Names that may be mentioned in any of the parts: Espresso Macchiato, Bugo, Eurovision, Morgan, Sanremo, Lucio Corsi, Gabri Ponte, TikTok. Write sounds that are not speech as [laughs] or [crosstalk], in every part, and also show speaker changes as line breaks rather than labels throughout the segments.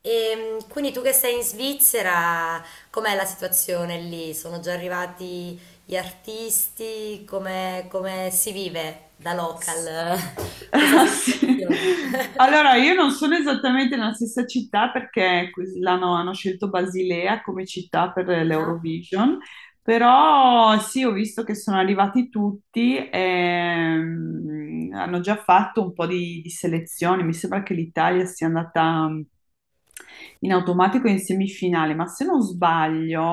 E quindi tu che sei in Svizzera, com'è la situazione lì? Sono già arrivati gli artisti? Come, come si vive da
[laughs]
local
S-
[laughs] questa
Ah, sì.
situazione? [laughs]
Allora, io non sono esattamente nella stessa città perché hanno scelto Basilea come città per
Ah,
l'Eurovision, però sì, ho visto che sono arrivati tutti e hanno già fatto un po' di selezioni. Mi sembra che l'Italia sia andata in automatico in semifinale, ma se non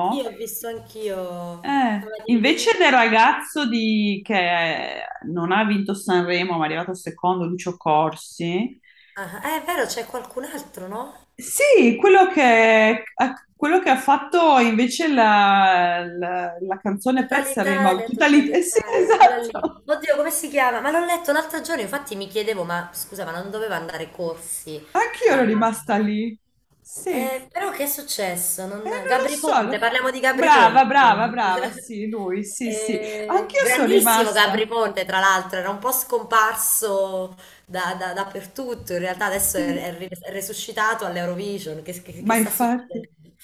sì, ho visto anch'io. Vabbè, dimmi, dimmi.
Invece del che non ha vinto Sanremo, ma è arrivato secondo, Lucio Corsi,
Ah, è vero, c'è qualcun altro, no?
sì, quello quello che ha fatto invece la canzone per Sanremo, tutta
Tutta
lì, eh sì, [laughs]
l'Italia, quella lì.
esatto,
Oddio, come si chiama? Ma l'ho letto l'altro giorno, infatti mi chiedevo, ma scusa, ma non doveva andare corsi
anch'io
a...
ero rimasta lì, sì,
Però che è successo? Non... Gabri
non
Ponte,
lo so,
parliamo di Gabri
brava,
Ponte.
brava, brava,
[laughs]
sì, lui, sì, sì, anch'io sono
Grandissimo
rimasta,
Gabri Ponte, tra l'altro, era un po' scomparso dappertutto, in realtà adesso è,
sì,
è resuscitato all'Eurovision, che, che
ma
sta
infatti...
succedendo?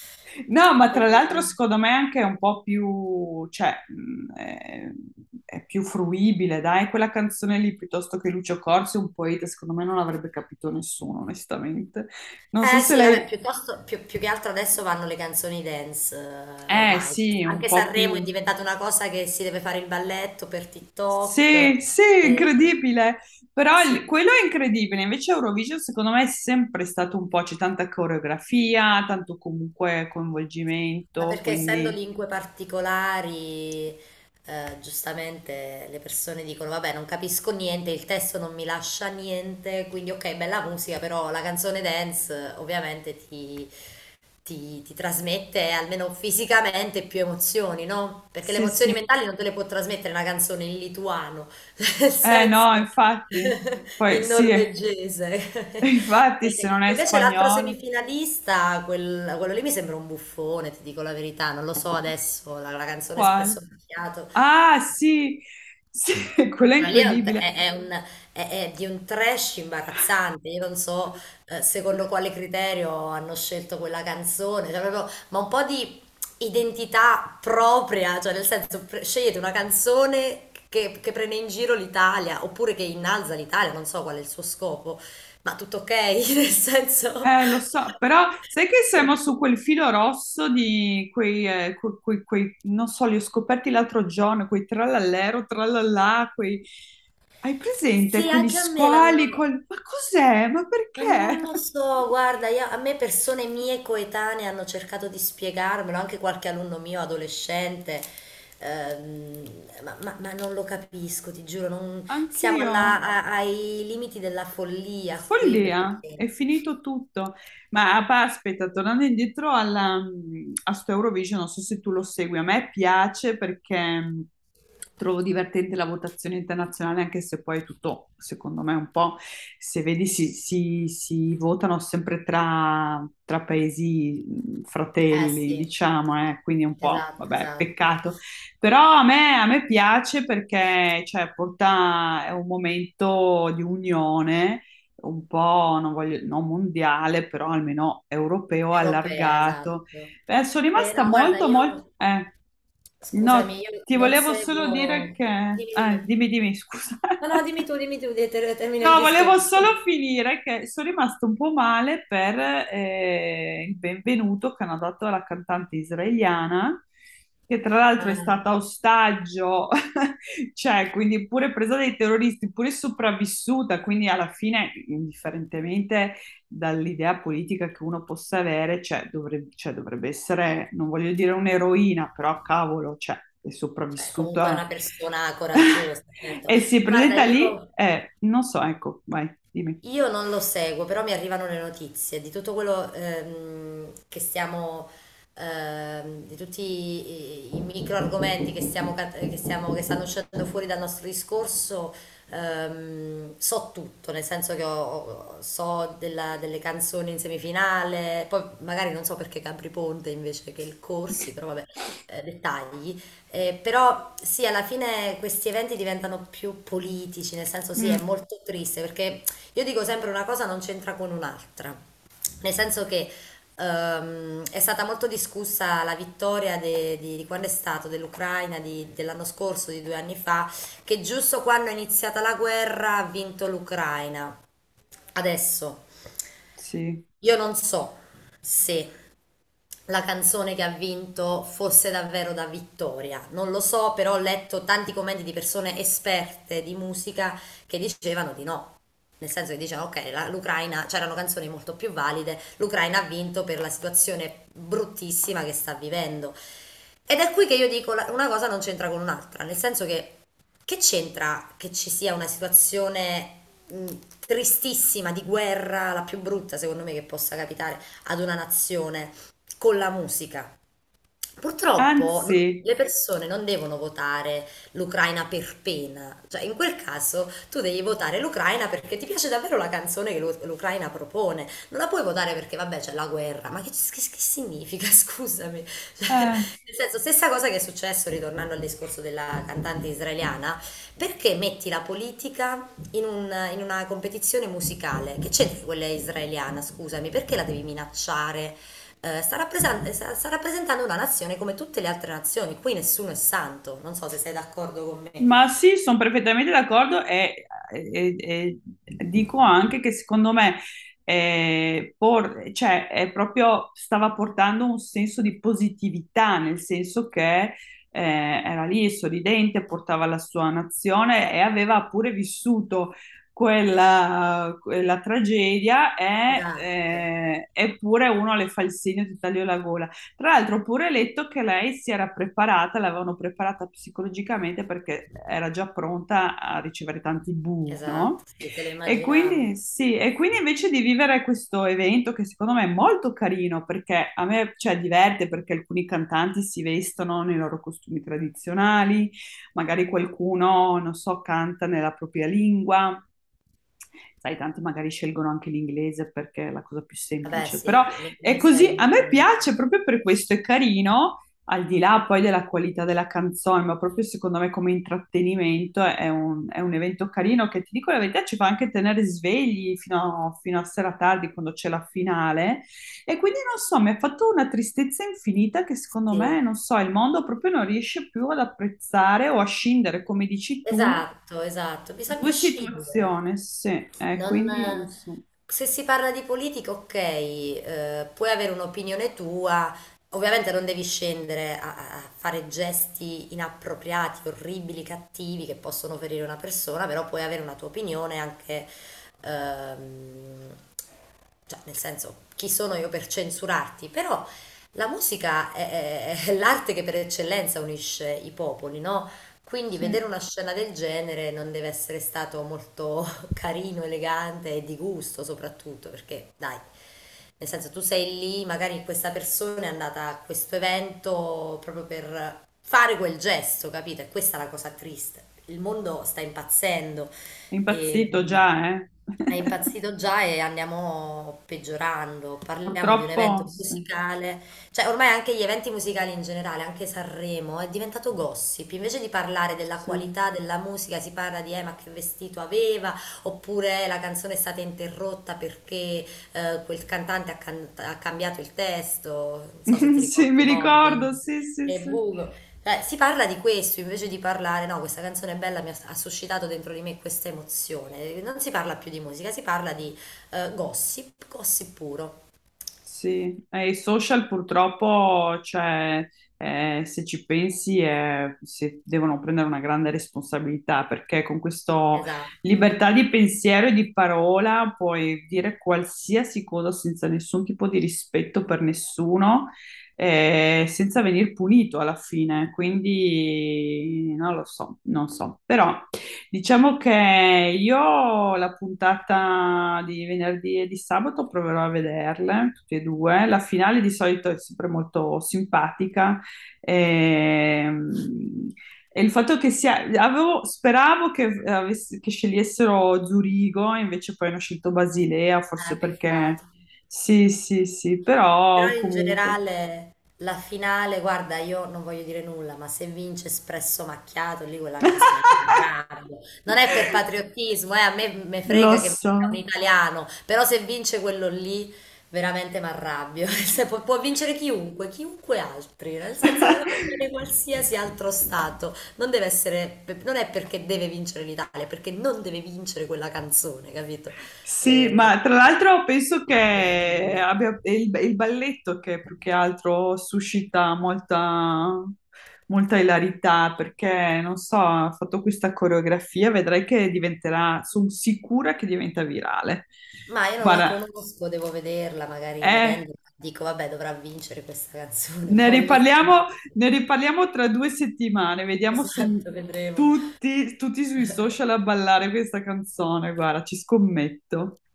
No, ma tra l'altro
Eh,
secondo me anche è un po' più, cioè, è più fruibile, dai, quella canzone lì piuttosto che Lucio Corsi, un poeta, secondo me non l'avrebbe capito nessuno, onestamente. Non so
Eh
se
sì, vabbè,
lei...
piuttosto, più, più che altro adesso vanno le canzoni dance
Eh
ormai.
sì, un
Anche
po'
Sanremo è
più...
diventata una cosa che si deve fare il balletto per TikTok.
Sì, sì,
Eh,
incredibile, però
sì.
quello è incredibile, invece Eurovision secondo me è sempre stato un po', c'è tanta coreografia, tanto comunque
Ma
coinvolgimento,
perché essendo
quindi
lingue particolari, giustamente le persone dicono, vabbè, non capisco niente, il testo non mi lascia niente, quindi ok, bella musica, però la canzone dance ovviamente ti, ti trasmette almeno fisicamente più emozioni, no? Perché le
sì,
emozioni
sì.
mentali non te le può trasmettere una canzone in lituano, [laughs] nel
Eh
senso
no, infatti,
[laughs]
poi
in
sì. [laughs]
norvegese. [laughs]
Infatti, se non
E
è
invece l'altro
spagnolo,
semifinalista, quello lì mi sembra un buffone, ti dico la verità, non lo so adesso, la, la canzone Espresso
quale?
Macchiato.
Ah, sì, sì, [laughs] quello è
Quello lì è,
incredibile.
è un- è di un trash imbarazzante. Io non so
[laughs]
secondo quale criterio hanno scelto quella canzone, cioè, proprio- ma un po' di identità propria, cioè nel senso scegliete una canzone che prende in giro l'Italia oppure che innalza l'Italia, non so qual è il suo scopo, ma tutto ok, [laughs] nel senso...
Lo so, però sai che siamo su quel filo rosso di quei, non so, li ho scoperti l'altro giorno, quei trallallero, trallallà, quei... Hai presente
Sì,
quegli
anche a me
squali
l'hanno.
col... Ma cos'è? Ma
Ma non
perché?
lo
[laughs]
so, guarda, a me persone mie coetanee hanno cercato di spiegarmelo, anche qualche alunno mio adolescente, ma, ma non lo capisco, ti giuro, siamo
Anch'io.
ai limiti della follia qui
Follia,
perché...
è finito tutto. Ma ah, aspetta, tornando indietro alla, a sto Eurovision, non so se tu lo segui, a me piace perché trovo divertente la votazione internazionale, anche se poi è tutto, secondo me, un po', se vedi, si, si votano sempre tra, tra paesi
Eh
fratelli,
sì,
diciamo, quindi è un po',
esatto,
vabbè,
esatto.
peccato. Però a me piace perché, cioè, porta, è un momento di unione un po', non voglio, no, mondiale, però almeno europeo
Europea,
allargato.
esatto.
Sono rimasta
No, guarda,
molto, molto...
io, scusami,
no,
io
ti
non
volevo solo dire
seguo...
che...
Dimmi, dimmi.
dimmi, dimmi, scusa.
No, no,
[laughs]
dimmi tu, termina il
No, volevo
discorso.
solo
[laughs]
finire che sono rimasto un po' male per il benvenuto che hanno dato alla cantante israeliana, che tra l'altro è
Ah,
stata ostaggio, [laughs] cioè quindi pure presa dai terroristi, pure sopravvissuta, quindi alla fine, indifferentemente dall'idea politica che uno possa avere, cioè, dovrebbe essere, non voglio dire un'eroina, però cavolo, cioè, è
comunque è
sopravvissuta.
una persona coraggiosa,
[laughs]
certo.
E si
Guarda,
presenta lì
io.
e non so, ecco, vai, dimmi.
Io non lo seguo, però mi arrivano le notizie di tutto quello di tutti i, i micro argomenti che stiamo, che stanno uscendo fuori dal nostro discorso. So tutto, nel senso che so delle canzoni in semifinale, poi magari non so perché Capri Ponte invece che il Corsi, però
[laughs]
vabbè, dettagli. Però sì, alla fine questi eventi diventano più politici, nel senso sì, è
Mm,
molto triste perché io dico sempre una cosa non c'entra con un'altra, nel senso che è stata molto discussa la vittoria di quando è stato dell'Ucraina dell'anno scorso, di due anni fa, che giusto quando è iniziata la guerra ha vinto l'Ucraina. Adesso
sì.
io non so se la canzone che ha vinto fosse davvero da vittoria. Non lo so, però ho letto tanti commenti di persone esperte di musica che dicevano di no. Nel senso che dicevano, ok, l'Ucraina, c'erano canzoni molto più valide, l'Ucraina ha vinto per la situazione bruttissima che sta vivendo. Ed è qui che io dico, una cosa non c'entra con un'altra, nel senso che c'entra che ci sia una situazione mh, tristissima di guerra, la più brutta secondo me che possa capitare ad una nazione, con la musica. Purtroppo
Anzi,
le persone non devono votare l'Ucraina per pena, cioè in quel caso tu devi votare l'Ucraina perché ti piace davvero la canzone che l'Ucraina propone, non la puoi votare perché vabbè c'è la guerra, ma che, che significa? [laughs] Scusami. Cioè,
eh,
nel senso, stessa cosa che è successo ritornando al discorso della cantante israeliana, perché metti la politica in, in una competizione musicale? Che c'entra quella israeliana, scusami, perché la devi minacciare? Eh, sta rappresentando una nazione come tutte le altre nazioni, qui nessuno è santo, non so se sei d'accordo con me.
ma sì, sono perfettamente d'accordo e, e dico anche che secondo me cioè, è proprio stava portando un senso di positività, nel senso che era lì sorridente, portava la sua nazione e aveva pure vissuto quella, quella tragedia e,
Esatto,
eppure uno le fa il segno e ti taglio la gola. Tra l'altro ho pure letto che lei si era preparata, l'avevano preparata psicologicamente perché era già pronta a ricevere tanti bu,
esatto,
no?
sì, se lo
E quindi
immaginavano.
sì, e quindi invece di vivere questo evento che secondo me è molto carino perché a me cioè, diverte perché alcuni cantanti si vestono nei loro costumi tradizionali, magari qualcuno, non so, canta nella propria lingua, sai, tanti magari scelgono anche l'inglese perché è la cosa più
Vabbè,
semplice,
sì,
però è
l'inglese è
così,
il
a
mondo
me
in
piace
inglese.
proprio per questo, è carino, al di là poi della qualità della canzone, ma proprio secondo me come intrattenimento è un evento carino che ti dico la verità ci fa anche tenere svegli fino a, fino a sera tardi quando c'è la finale e quindi non so, mi ha fatto una tristezza infinita che secondo
Sì.
me, non so, il mondo proprio non riesce più ad apprezzare o a scindere, come dici tu,
Esatto, esatto, bisogna
due
scegliere.
situazioni, sì,
Non,
quindi non so,
se si parla di politica, ok, puoi avere un'opinione tua, ovviamente non devi scendere a, a fare gesti inappropriati, orribili, cattivi che possono ferire una persona, però puoi avere una tua opinione anche, ehm, cioè, nel senso, chi sono io per censurarti? Però la musica è, è l'arte che per eccellenza unisce i popoli, no? Quindi
sì, è
vedere una scena del genere non deve essere stato molto [laughs] carino, elegante e di gusto soprattutto, perché dai, nel senso tu sei lì, magari questa persona è andata a questo evento proprio per fare quel gesto, capito? E questa è la cosa triste. Il mondo sta impazzendo e
impazzito già, eh.
è
[laughs]
impazzito già e andiamo peggiorando. Parliamo di un evento
Purtroppo, sì,
musicale cioè, ormai anche gli eventi musicali in generale, anche Sanremo, è diventato gossip. Invece di parlare della
sì.
qualità della musica, si parla di ma che vestito aveva, oppure la canzone è stata interrotta perché quel cantante ha, ha cambiato il testo. Non so se
[laughs]
ti
Sì,
ricordi,
mi
Morgan
ricordo, sì, sì,
e
sì.
Bugo. Cioè, si parla di questo invece di parlare, no, questa canzone è bella, mi ha, ha suscitato dentro di me questa emozione. Non si parla più di musica, si parla di gossip, gossip puro.
Sì, e i social purtroppo, cioè, se ci pensi, si devono prendere una grande responsabilità perché con questa
Esatto.
libertà di pensiero e di parola puoi dire qualsiasi cosa senza nessun tipo di rispetto per nessuno, senza venir punito alla fine. Quindi non lo so, non so, però. Diciamo che io la puntata di venerdì e di sabato proverò a vederle, tutte e due. La finale di solito è sempre molto simpatica. Ehm, e, il fatto che sia... speravo che, che scegliessero Zurigo, invece poi hanno scelto Basilea, forse perché...
Peccato.
Sì, sì, sì,
Però
però
in
comunque...
generale la finale, guarda, io non voglio dire nulla, ma se vince Espresso Macchiato, lì quella canzone lì mi arrabbio. Non
[laughs]
è per patriottismo, a me me
Lo
frega che vinca un
so.
italiano, però se vince quello lì, veramente mi arrabbio. [laughs] Se può, può vincere chiunque, chiunque altri, nel senso, va bene qualsiasi altro stato. Non deve essere, non è perché deve vincere l'Italia, è perché non deve vincere quella canzone, capito?
Sì,
Eh,
ma tra l'altro penso
ma è
che
terribile.
è il balletto che più che altro suscita molta, molta ilarità, perché non so, ha fatto questa coreografia, vedrai che diventerà, sono sicura che diventa virale.
Ma io non la
Guarda,
conosco, devo vederla, magari
eh,
vedendo dico, vabbè, dovrà vincere questa canzone, [laughs]
ne
ma ho i miei...
riparliamo,
dubbi.
ne riparliamo tra 2 settimane, vediamo se
Esatto, vedremo.
tutti, tutti sui social a
[laughs]
ballare questa canzone. Guarda, ci scommetto.